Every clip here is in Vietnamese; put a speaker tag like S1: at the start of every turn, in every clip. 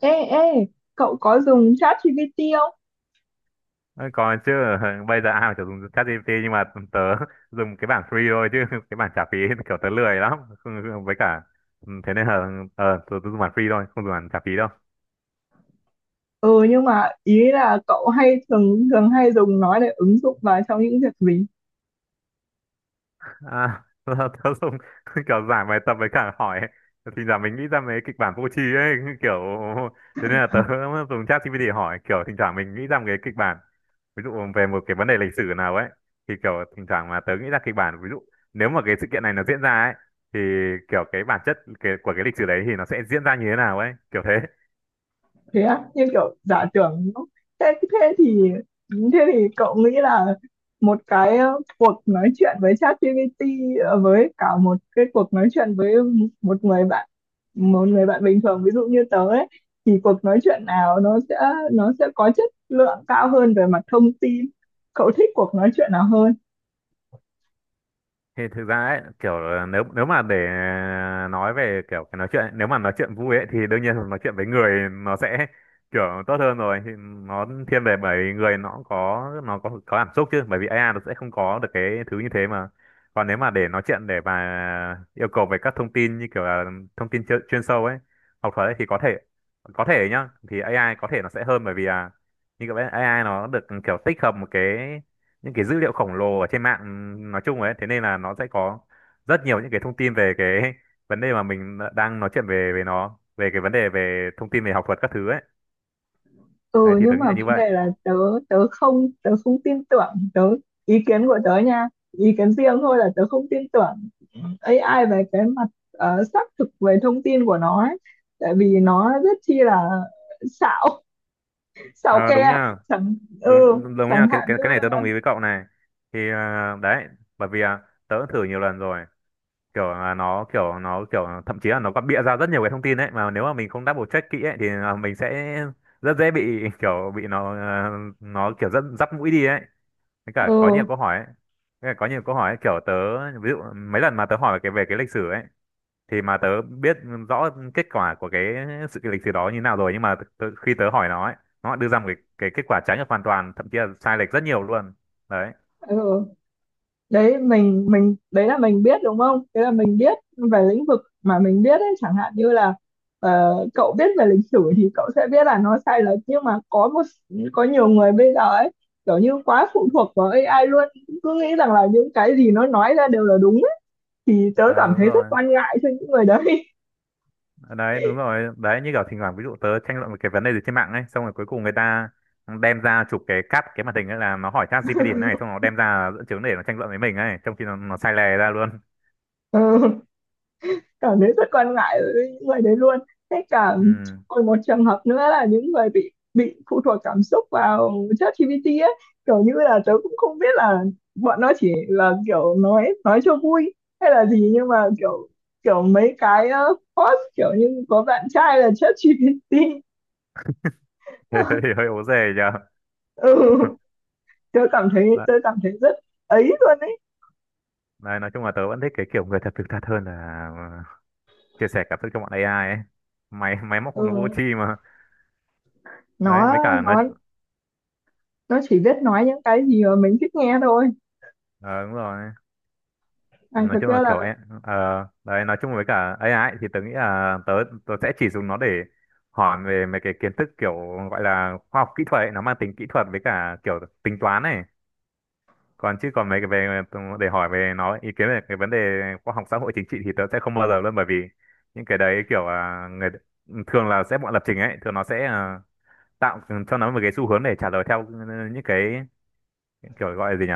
S1: Ê, ê, cậu có dùng ChatGPT không?
S2: Ôi, có chứ, bây giờ ai mà chả dùng ChatGPT, nhưng mà tớ dùng cái bản free thôi chứ cái bản trả phí, kiểu tớ lười lắm. Với cả ừ, thế nên là tớ dùng bản free thôi, không dùng bản trả phí đâu.
S1: Ừ, nhưng mà ý là cậu hay thường thường hay dùng nó để ứng dụng vào trong những việc gì?
S2: À, là tớ dùng kiểu giải bài tập với cả hỏi, thì là mình nghĩ ra mấy kịch bản vô tri ấy, kiểu thế nên là tớ dùng chat ChatGPT để hỏi, kiểu thỉnh thoảng mình nghĩ ra một cái kịch bản ví dụ về một cái vấn đề lịch sử nào ấy, thì kiểu thỉnh thoảng mà tớ nghĩ ra kịch bản ví dụ nếu mà cái sự kiện này nó diễn ra ấy, thì kiểu cái bản chất của cái lịch sử đấy thì nó sẽ diễn ra như thế nào ấy, kiểu thế.
S1: Thế á, như kiểu giả
S2: Ờ.
S1: tưởng. Thế, thế thì thế thì cậu nghĩ là một cái cuộc nói chuyện với ChatGPT, ờ, với cả một cái cuộc nói chuyện với một người bạn, một người bạn bình thường ví dụ như tớ ấy, thì cuộc nói chuyện nào nó sẽ có chất lượng cao hơn về mặt thông tin? Cậu thích cuộc nói chuyện nào hơn?
S2: Thì thực ra ấy, kiểu nếu nếu mà để nói về kiểu cái nói chuyện ấy, nếu mà nói chuyện vui ấy thì đương nhiên là nói chuyện với người nó sẽ kiểu tốt hơn rồi, thì nó thiên về bởi vì người nó cũng có, nó có cảm xúc chứ, bởi vì AI nó sẽ không có được cái thứ như thế mà. Còn nếu mà để nói chuyện để mà yêu cầu về các thông tin như kiểu là thông tin chuyên sâu ấy, học thuật ấy, thì có thể, có thể nhá, thì AI có thể nó sẽ hơn, bởi vì là như các bạn AI nó được kiểu tích hợp một cái những cái dữ liệu khổng lồ ở trên mạng nói chung ấy, thế nên là nó sẽ có rất nhiều những cái thông tin về cái vấn đề mà mình đang nói chuyện về về nó, về cái vấn đề về thông tin về học thuật các thứ ấy. Đấy,
S1: Ừ,
S2: thì tớ
S1: nhưng
S2: nghĩ
S1: mà
S2: là như
S1: vấn
S2: vậy.
S1: đề là tớ tớ không tin tưởng. Tớ, ý kiến của tớ nha, ý kiến riêng thôi, là tớ không tin tưởng AI về cái mặt xác thực về thông tin của nó ấy. Tại vì nó rất chi là xạo, xạo
S2: Ờ, đúng
S1: ke
S2: nha.
S1: chẳng, ừ,
S2: Đúng, đúng nha,
S1: chẳng
S2: cái
S1: hạn
S2: cái
S1: như
S2: cái này
S1: là,
S2: tớ đồng ý với cậu này. Thì đấy, bởi vì tớ cũng thử nhiều lần rồi, kiểu là nó kiểu thậm chí là nó còn bịa ra rất nhiều cái thông tin đấy, mà nếu mà mình không double check kỹ ấy thì là mình sẽ rất dễ bị, kiểu bị nó kiểu rất dắp mũi đi ấy, với cả có nhiều
S1: ừ,
S2: câu hỏi ấy. Với cả có nhiều câu hỏi ấy, kiểu tớ ví dụ mấy lần mà tớ hỏi về cái lịch sử ấy, thì mà tớ biết rõ kết quả của cái lịch sử đó như nào rồi, nhưng mà khi tớ hỏi nó ấy, nó đưa ra cái kết quả trái ngược hoàn toàn, thậm chí là sai lệch rất nhiều luôn đấy.
S1: ừ đấy, mình đấy là mình biết đúng không, đấy là mình biết về lĩnh vực mà mình biết ấy. Chẳng hạn như là cậu biết về lịch sử thì cậu sẽ biết là nó sai lệch, nhưng mà có một, có nhiều người bây giờ ấy kiểu như quá phụ thuộc vào AI luôn, cứ nghĩ rằng là những cái gì nó nói ra đều là đúng ấy. Thì tớ
S2: Ờ,
S1: cảm
S2: đúng
S1: thấy rất
S2: rồi,
S1: quan ngại cho những người đấy.
S2: đấy đúng rồi đấy, như kiểu thỉnh thoảng ví dụ tớ tranh luận một cái vấn đề gì trên mạng ấy, xong rồi cuối cùng người ta đem ra chụp cắt cái màn hình ấy, là nó hỏi chat GPT này, xong nó đem ra dẫn chứng để nó tranh luận với mình ấy, trong khi nó sai lè ra luôn.
S1: Cảm thấy rất quan ngại với những người đấy luôn. Thế cả,
S2: Ừ.
S1: còn một trường hợp nữa là những người bị phụ thuộc cảm xúc vào ChatGPT ấy, kiểu như là tớ cũng không biết là bọn nó chỉ là kiểu nói cho vui hay là gì, nhưng mà kiểu, kiểu mấy cái post kiểu như có bạn trai là ChatGPT.
S2: Hơi hơi ố dề nhờ.
S1: Ừ, tớ cảm thấy rất ấy luôn ấy.
S2: Đấy, nói chung là tớ vẫn thích cái kiểu người thật thực thật hơn là ờ, chia sẻ cảm xúc cho bọn AI ấy. Máy máy móc nó vô
S1: Ừ,
S2: tri mà. Đấy,
S1: nó
S2: với cả nó
S1: nó nó chỉ biết nói những cái gì mà mình thích nghe thôi.
S2: ờ, đúng rồi.
S1: À,
S2: Nói
S1: thật
S2: chung là
S1: ra là
S2: kiểu ấy, ờ, đấy nói chung với cả AI ấy, thì tớ nghĩ là tớ tớ sẽ chỉ dùng nó để hỏi về mấy cái kiến thức kiểu gọi là khoa học kỹ thuật ấy, nó mang tính kỹ thuật với cả kiểu tính toán này. Còn, chứ còn mấy cái về để hỏi về nó ý kiến về cái vấn đề khoa học xã hội chính trị thì tớ sẽ không bao giờ luôn, bởi vì những cái đấy kiểu người thường là sẽ bọn lập trình ấy, thường nó sẽ tạo cho nó một cái xu hướng để trả lời theo những cái kiểu gọi là gì nhỉ,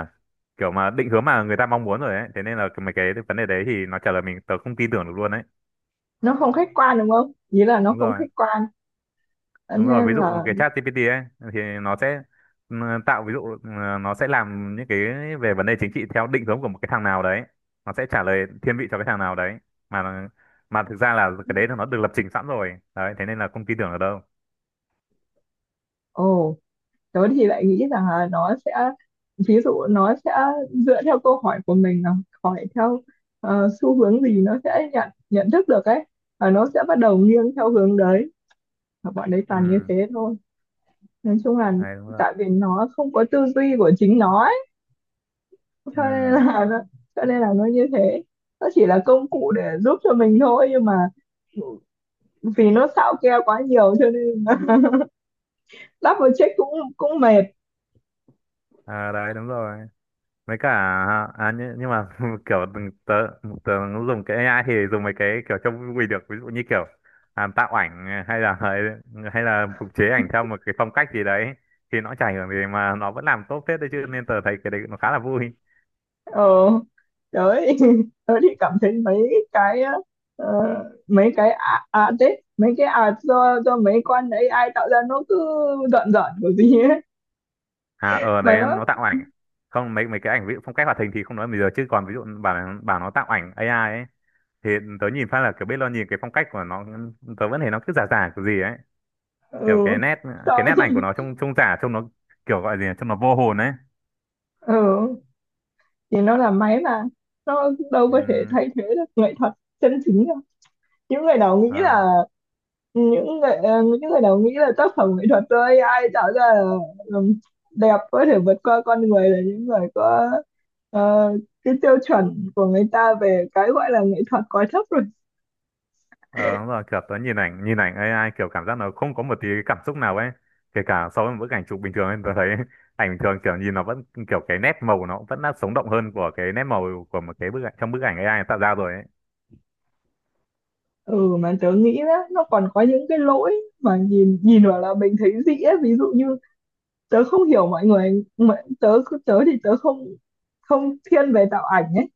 S2: kiểu mà định hướng mà người ta mong muốn rồi ấy, thế nên là mấy cái vấn đề đấy thì nó trả lời mình tớ không tin tưởng được luôn đấy.
S1: nó không khách quan đúng không, nghĩa là nó
S2: Đúng
S1: không
S2: rồi,
S1: khách quan. Cho
S2: đúng rồi,
S1: nên
S2: ví dụ
S1: là,
S2: cái chat GPT ấy thì nó sẽ, ừ, tạo ví dụ, nó sẽ làm những cái về vấn đề chính trị theo định hướng của một cái thằng nào đấy, nó sẽ trả lời thiên vị cho cái thằng nào đấy, mà nó- mà thực ra là cái đấy là nó được lập trình sẵn rồi đấy, thế nên là không tin tưởng ở đâu.
S1: ồ, tớ thì lại nghĩ rằng là nó sẽ, ví dụ nó sẽ dựa theo câu hỏi của mình, là hỏi theo xu hướng gì nó sẽ nhận nhận thức được ấy, và nó sẽ bắt đầu nghiêng theo hướng đấy, và bọn đấy toàn như
S2: Ừ,
S1: thế thôi. Nói chung là
S2: đấy đúng rồi.
S1: tại vì nó không có tư duy của chính nó ấy, cho nên
S2: Ừ.
S1: là nó, cho nên là nó như thế. Nó chỉ là công cụ để giúp cho mình thôi, nhưng mà vì nó xạo keo quá nhiều cho nên double check cũng cũng mệt.
S2: À, đấy đúng rồi, mấy cả à nhưng mà kiểu tớ dùng cái AI thì dùng mấy cái kiểu trông vui được, ví dụ như kiểu tạo ảnh, hay là phục chế ảnh theo một cái phong cách gì đấy, thì nó chả ảnh hưởng gì mà nó vẫn làm tốt phết đấy chứ, nên tớ thấy cái đấy nó khá là vui.
S1: Ờ, trời. Tớ thì cảm thấy mấy cái ờ, mấy cái đấy, mấy cái do mấy con AI tạo ra nó cứ giận giận của gì ấy
S2: À, ở
S1: mà
S2: đấy nó
S1: nó,
S2: tạo ảnh. Không, mấy mấy cái ảnh ví dụ phong cách hoạt hình thì không nói, bây giờ chứ còn ví dụ bảo nó tạo ảnh AI ấy, thì tớ nhìn phát là kiểu biết, lo nhìn cái phong cách của nó tớ vẫn thấy nó cứ giả giả kiểu gì ấy, kiểu
S1: ừ,
S2: cái
S1: xong.
S2: nét ảnh của nó trông trông giả, trông nó kiểu gọi gì nhỉ? Trông nó vô hồn ấy.
S1: Ừ, thì nó là máy mà, nó đâu có thể
S2: Ừ,
S1: thay thế được nghệ thuật chân chính đâu. Những người nào nghĩ
S2: ờ,
S1: là, những người những người nào nghĩ là tác phẩm nghệ thuật thôi ai tạo ra là đẹp có thể vượt qua con người, là những người có ờ, cái tiêu chuẩn của người ta về cái gọi là nghệ thuật quá thấp rồi.
S2: ờ, đúng rồi, kiểu tớ nhìn ảnh AI kiểu cảm giác nó không có một tí cái cảm xúc nào ấy, kể cả so với một bức ảnh chụp bình thường ấy, tớ thấy ảnh bình thường kiểu nhìn nó vẫn kiểu cái nét màu của nó vẫn đã sống động hơn của cái nét màu của một cái bức ảnh, trong bức ảnh AI tạo ra rồi ấy.
S1: Ừ, mà tớ nghĩ đó, nó còn có những cái lỗi mà nhìn nhìn vào là mình thấy dĩ ấy. Ví dụ như tớ không hiểu mọi người, mọi, tớ tớ thì tớ không, không thiên về tạo ảnh ấy.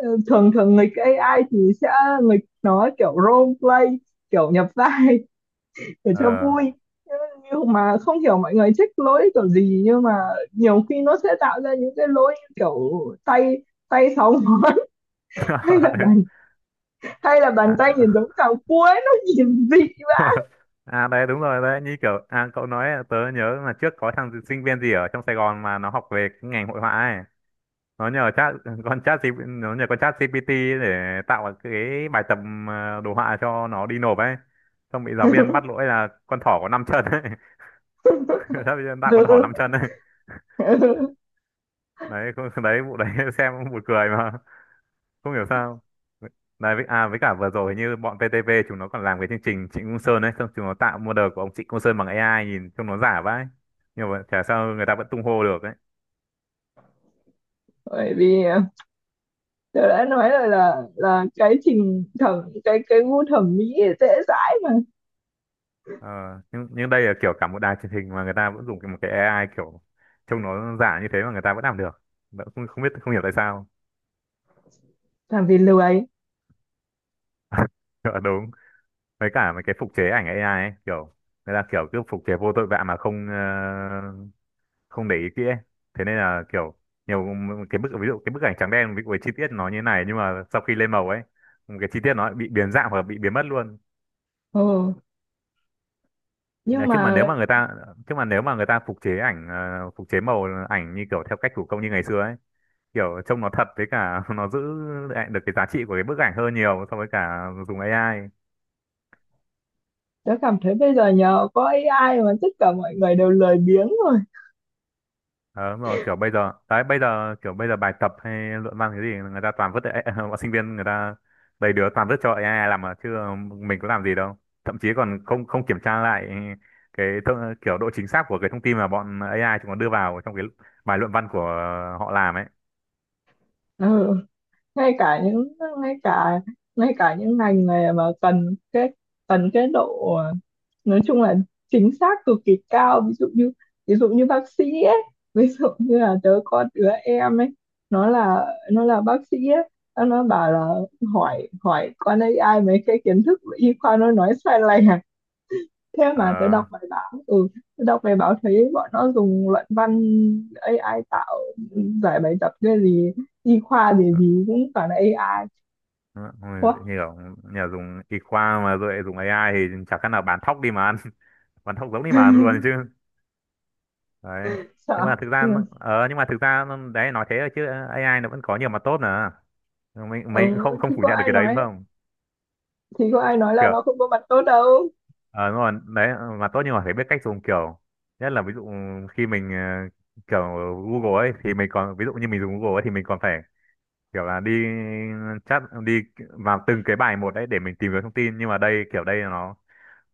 S1: Ờ, thường thường nghịch AI thì sẽ nghịch nó kiểu role play, kiểu nhập vai để cho
S2: Ờ.
S1: vui. Nhưng mà không hiểu mọi người thích lỗi kiểu gì, nhưng mà nhiều khi nó sẽ tạo ra những cái lỗi như kiểu tay, tay sáu ngón. Hay là bàn, hay là
S2: À,
S1: bàn tay
S2: ờ.
S1: nhìn giống cào cuối nó nhìn dị mà.
S2: À, đấy đúng rồi đấy, như kiểu, à cậu nói tớ nhớ là trước có thằng sinh viên gì ở trong Sài Gòn mà nó học về cái ngành hội họa ấy, nó nhờ chat nó nhờ con chat GPT để tạo cái bài tập đồ họa cho nó đi nộp ấy, xong bị giáo viên bắt lỗi là con thỏ có năm chân ấy. Giáo viên tạo con thỏ năm chân ấy. Đấy, đấy vụ đấy xem cũng buồn cười mà, không hiểu sao. Đấy với, với cả vừa rồi như bọn VTV chúng nó còn làm cái chương trình Trịnh Công Sơn ấy, xong chúng nó tạo model của ông Trịnh Công Sơn bằng AI, nhìn trông nó giả vãi, nhưng mà chả sao, người ta vẫn tung hô được ấy.
S1: Bởi vì tôi đã nói rồi là cái trình thẩm, cái gu thẩm mỹ dễ dãi mà.
S2: Ờ, nhưng đây là kiểu cả một đài truyền hình mà người ta vẫn dùng một cái AI kiểu trông nó giả như thế, mà người ta vẫn làm được. Không biết, không hiểu tại sao.
S1: Làm vì lười.
S2: Ờ, đúng. Với cả mấy cái phục chế ảnh AI ấy, kiểu người ta kiểu cứ phục chế vô tội vạ mà không, không để ý kỹ ấy. Thế nên là kiểu nhiều cái bức, ví dụ cái bức ảnh trắng đen với chi tiết nó như này, nhưng mà sau khi lên màu ấy, một cái chi tiết nó bị biến dạng hoặc là bị biến mất luôn.
S1: Ừ. Nhưng
S2: Đấy,
S1: mà
S2: chứ mà nếu mà người ta phục chế ảnh, phục chế màu ảnh như kiểu theo cách thủ công như ngày xưa ấy, kiểu trông nó thật, với cả nó giữ lại được cái giá trị của cái bức ảnh hơn nhiều so với cả dùng AI.
S1: tôi cảm thấy bây giờ nhờ có AI mà tất cả mọi người đều lười biếng rồi.
S2: Ờ, đúng rồi, kiểu bây giờ đấy, bây giờ bài tập hay luận văn cái gì người ta toàn vứt AI, bọn sinh viên người ta đầy đứa toàn vứt cho AI làm mà chứ mình có làm gì đâu, thậm chí còn không không kiểm tra lại kiểu độ chính xác của cái thông tin mà bọn AI chúng nó đưa vào trong cái bài luận văn của họ làm ấy.
S1: Ừ. Ngay cả những, ngay cả, ngay cả những ngành này mà cần cái, cần cái độ nói chung là chính xác cực kỳ cao. Ví dụ như, ví dụ như bác sĩ ấy, ví dụ như là tớ có đứa em ấy, nó là, nó là bác sĩ ấy. Nó bảo là hỏi hỏi con AI mấy cái kiến thức y khoa nó nói sai lệch à? Thế mà tớ
S2: Ờ.
S1: đọc bài báo, ừ, tớ đọc bài báo thấy bọn nó dùng luận văn AI tạo, giải bài tập cái gì y khoa gì gì cũng toàn là AI.
S2: Ôi,
S1: Quá
S2: như kiểu như là dùng y khoa mà rồi lại dùng AI thì chả khác nào bán thóc đi mà ăn, vẫn không giống đi mà luôn chứ đấy.
S1: sợ. Ừ.
S2: Nhưng mà đấy nói thế thôi chứ AI nó vẫn có nhiều mặt tốt nữa, mình cũng
S1: Ừ
S2: không không
S1: thì
S2: phủ
S1: có
S2: nhận được
S1: ai
S2: cái đấy đúng
S1: nói,
S2: không.
S1: thì có ai nói là
S2: Kiểu
S1: nó không có mặt tốt đâu.
S2: ờ đúng rồi đấy, mặt tốt nhưng mà phải biết cách dùng, kiểu nhất là ví dụ khi mình, kiểu Google ấy thì mình còn, ví dụ như mình dùng Google ấy thì mình còn phải kiểu là đi chat đi vào từng cái bài một đấy để mình tìm kiếm thông tin, nhưng mà đây kiểu đây là nó,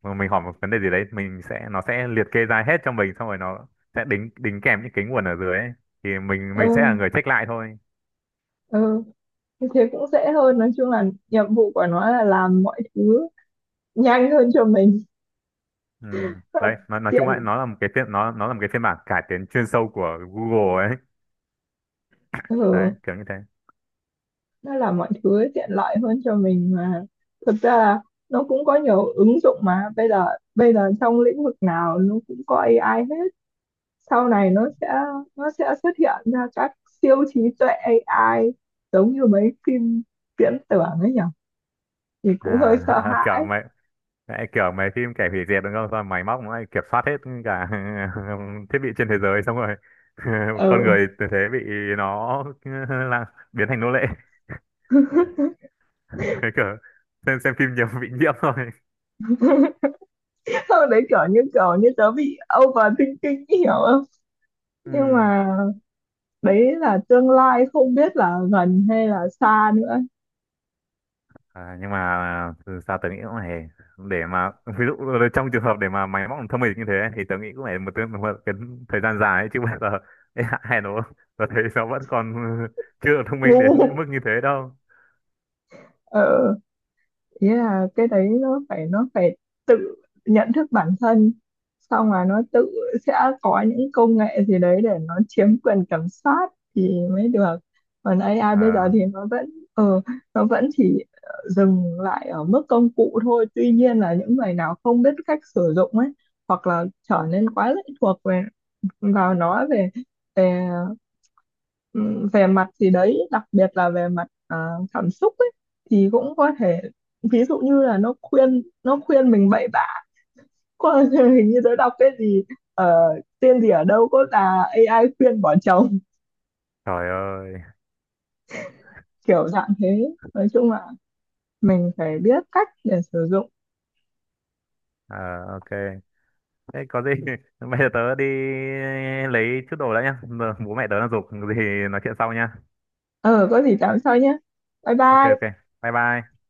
S2: mà mình hỏi một vấn đề gì đấy mình sẽ, nó sẽ liệt kê ra hết cho mình, xong rồi nó sẽ đính đính kèm những cái nguồn ở dưới ấy. Thì mình
S1: Ừ.
S2: mình sẽ là người check lại thôi.
S1: Ừ, như thế cũng dễ hơn. Nói chung là nhiệm vụ của nó là làm mọi thứ nhanh hơn cho mình.
S2: Ừ. Đấy, nói chung lại
S1: Tiện.
S2: nó là một cái phiên, nó là một cái phiên bản cải tiến chuyên sâu của Google ấy.
S1: Ừ.
S2: Đấy, kiểu như thế.
S1: Nó làm mọi thứ tiện lợi hơn cho mình mà. Thực ra là nó cũng có nhiều ứng dụng mà bây giờ, bây giờ trong lĩnh vực nào nó cũng có AI hết. Sau này nó sẽ, nó sẽ xuất hiện ra các siêu trí tuệ AI giống như mấy phim viễn tưởng ấy nhỉ, thì cũng hơi
S2: À,
S1: sợ
S2: kiểu
S1: hãi.
S2: mày, đấy kiểu mấy phim kẻ hủy diệt đúng không? Xong rồi máy móc nó lại kiểm soát hết cả thiết bị trên thế giới, xong rồi con
S1: Ừ.
S2: người từ thế bị nó là biến thành nô lệ. Cái kiểu xem phim nhiều bị nhiễm thôi.
S1: Sau đấy kiểu như, kiểu như tớ bị overthinking ý, hiểu không? Nhưng
S2: Ừm.
S1: mà đấy là tương lai, không biết là gần hay là xa nữa.
S2: À, nhưng mà từ sao tớ nghĩ cũng này, để mà ví dụ trong trường hợp để mà máy móc thông minh như thế ấy, thì tớ nghĩ cũng phải một cái thời gian dài ấy, chứ bây giờ ê, hay nó tớ thấy nó vẫn còn chưa thông minh
S1: Ngu.
S2: đến mức như thế đâu.
S1: Ừ. Yeah, cái đấy nó phải, nó phải tự nhận thức bản thân, xong là nó tự sẽ có những công nghệ gì đấy để nó chiếm quyền kiểm soát thì mới được. Còn AI bây giờ
S2: À,
S1: thì nó vẫn ờ, nó vẫn chỉ dừng lại ở mức công cụ thôi. Tuy nhiên là những người nào không biết cách sử dụng ấy, hoặc là trở nên quá lệ thuộc về, vào nó, về, về, ừm, về mặt gì đấy, đặc biệt là về mặt cảm xúc ấy, thì cũng có thể ví dụ như là nó khuyên, nó khuyên mình bậy bạ. Có, hình như tôi đọc cái gì ờ, tên gì ở đâu có là AI khuyên bỏ chồng.
S2: trời ơi.
S1: Kiểu dạng thế. Nói chung là mình phải biết cách để sử dụng.
S2: À, ok, thế có gì bây giờ tớ đi lấy chút đồ đã nhá, giờ bố mẹ tớ đang giục gì. Nói chuyện sau nhá.
S1: Ờ, có gì tám sau nhé. Bye
S2: Ok ok,
S1: bye.
S2: bye bye.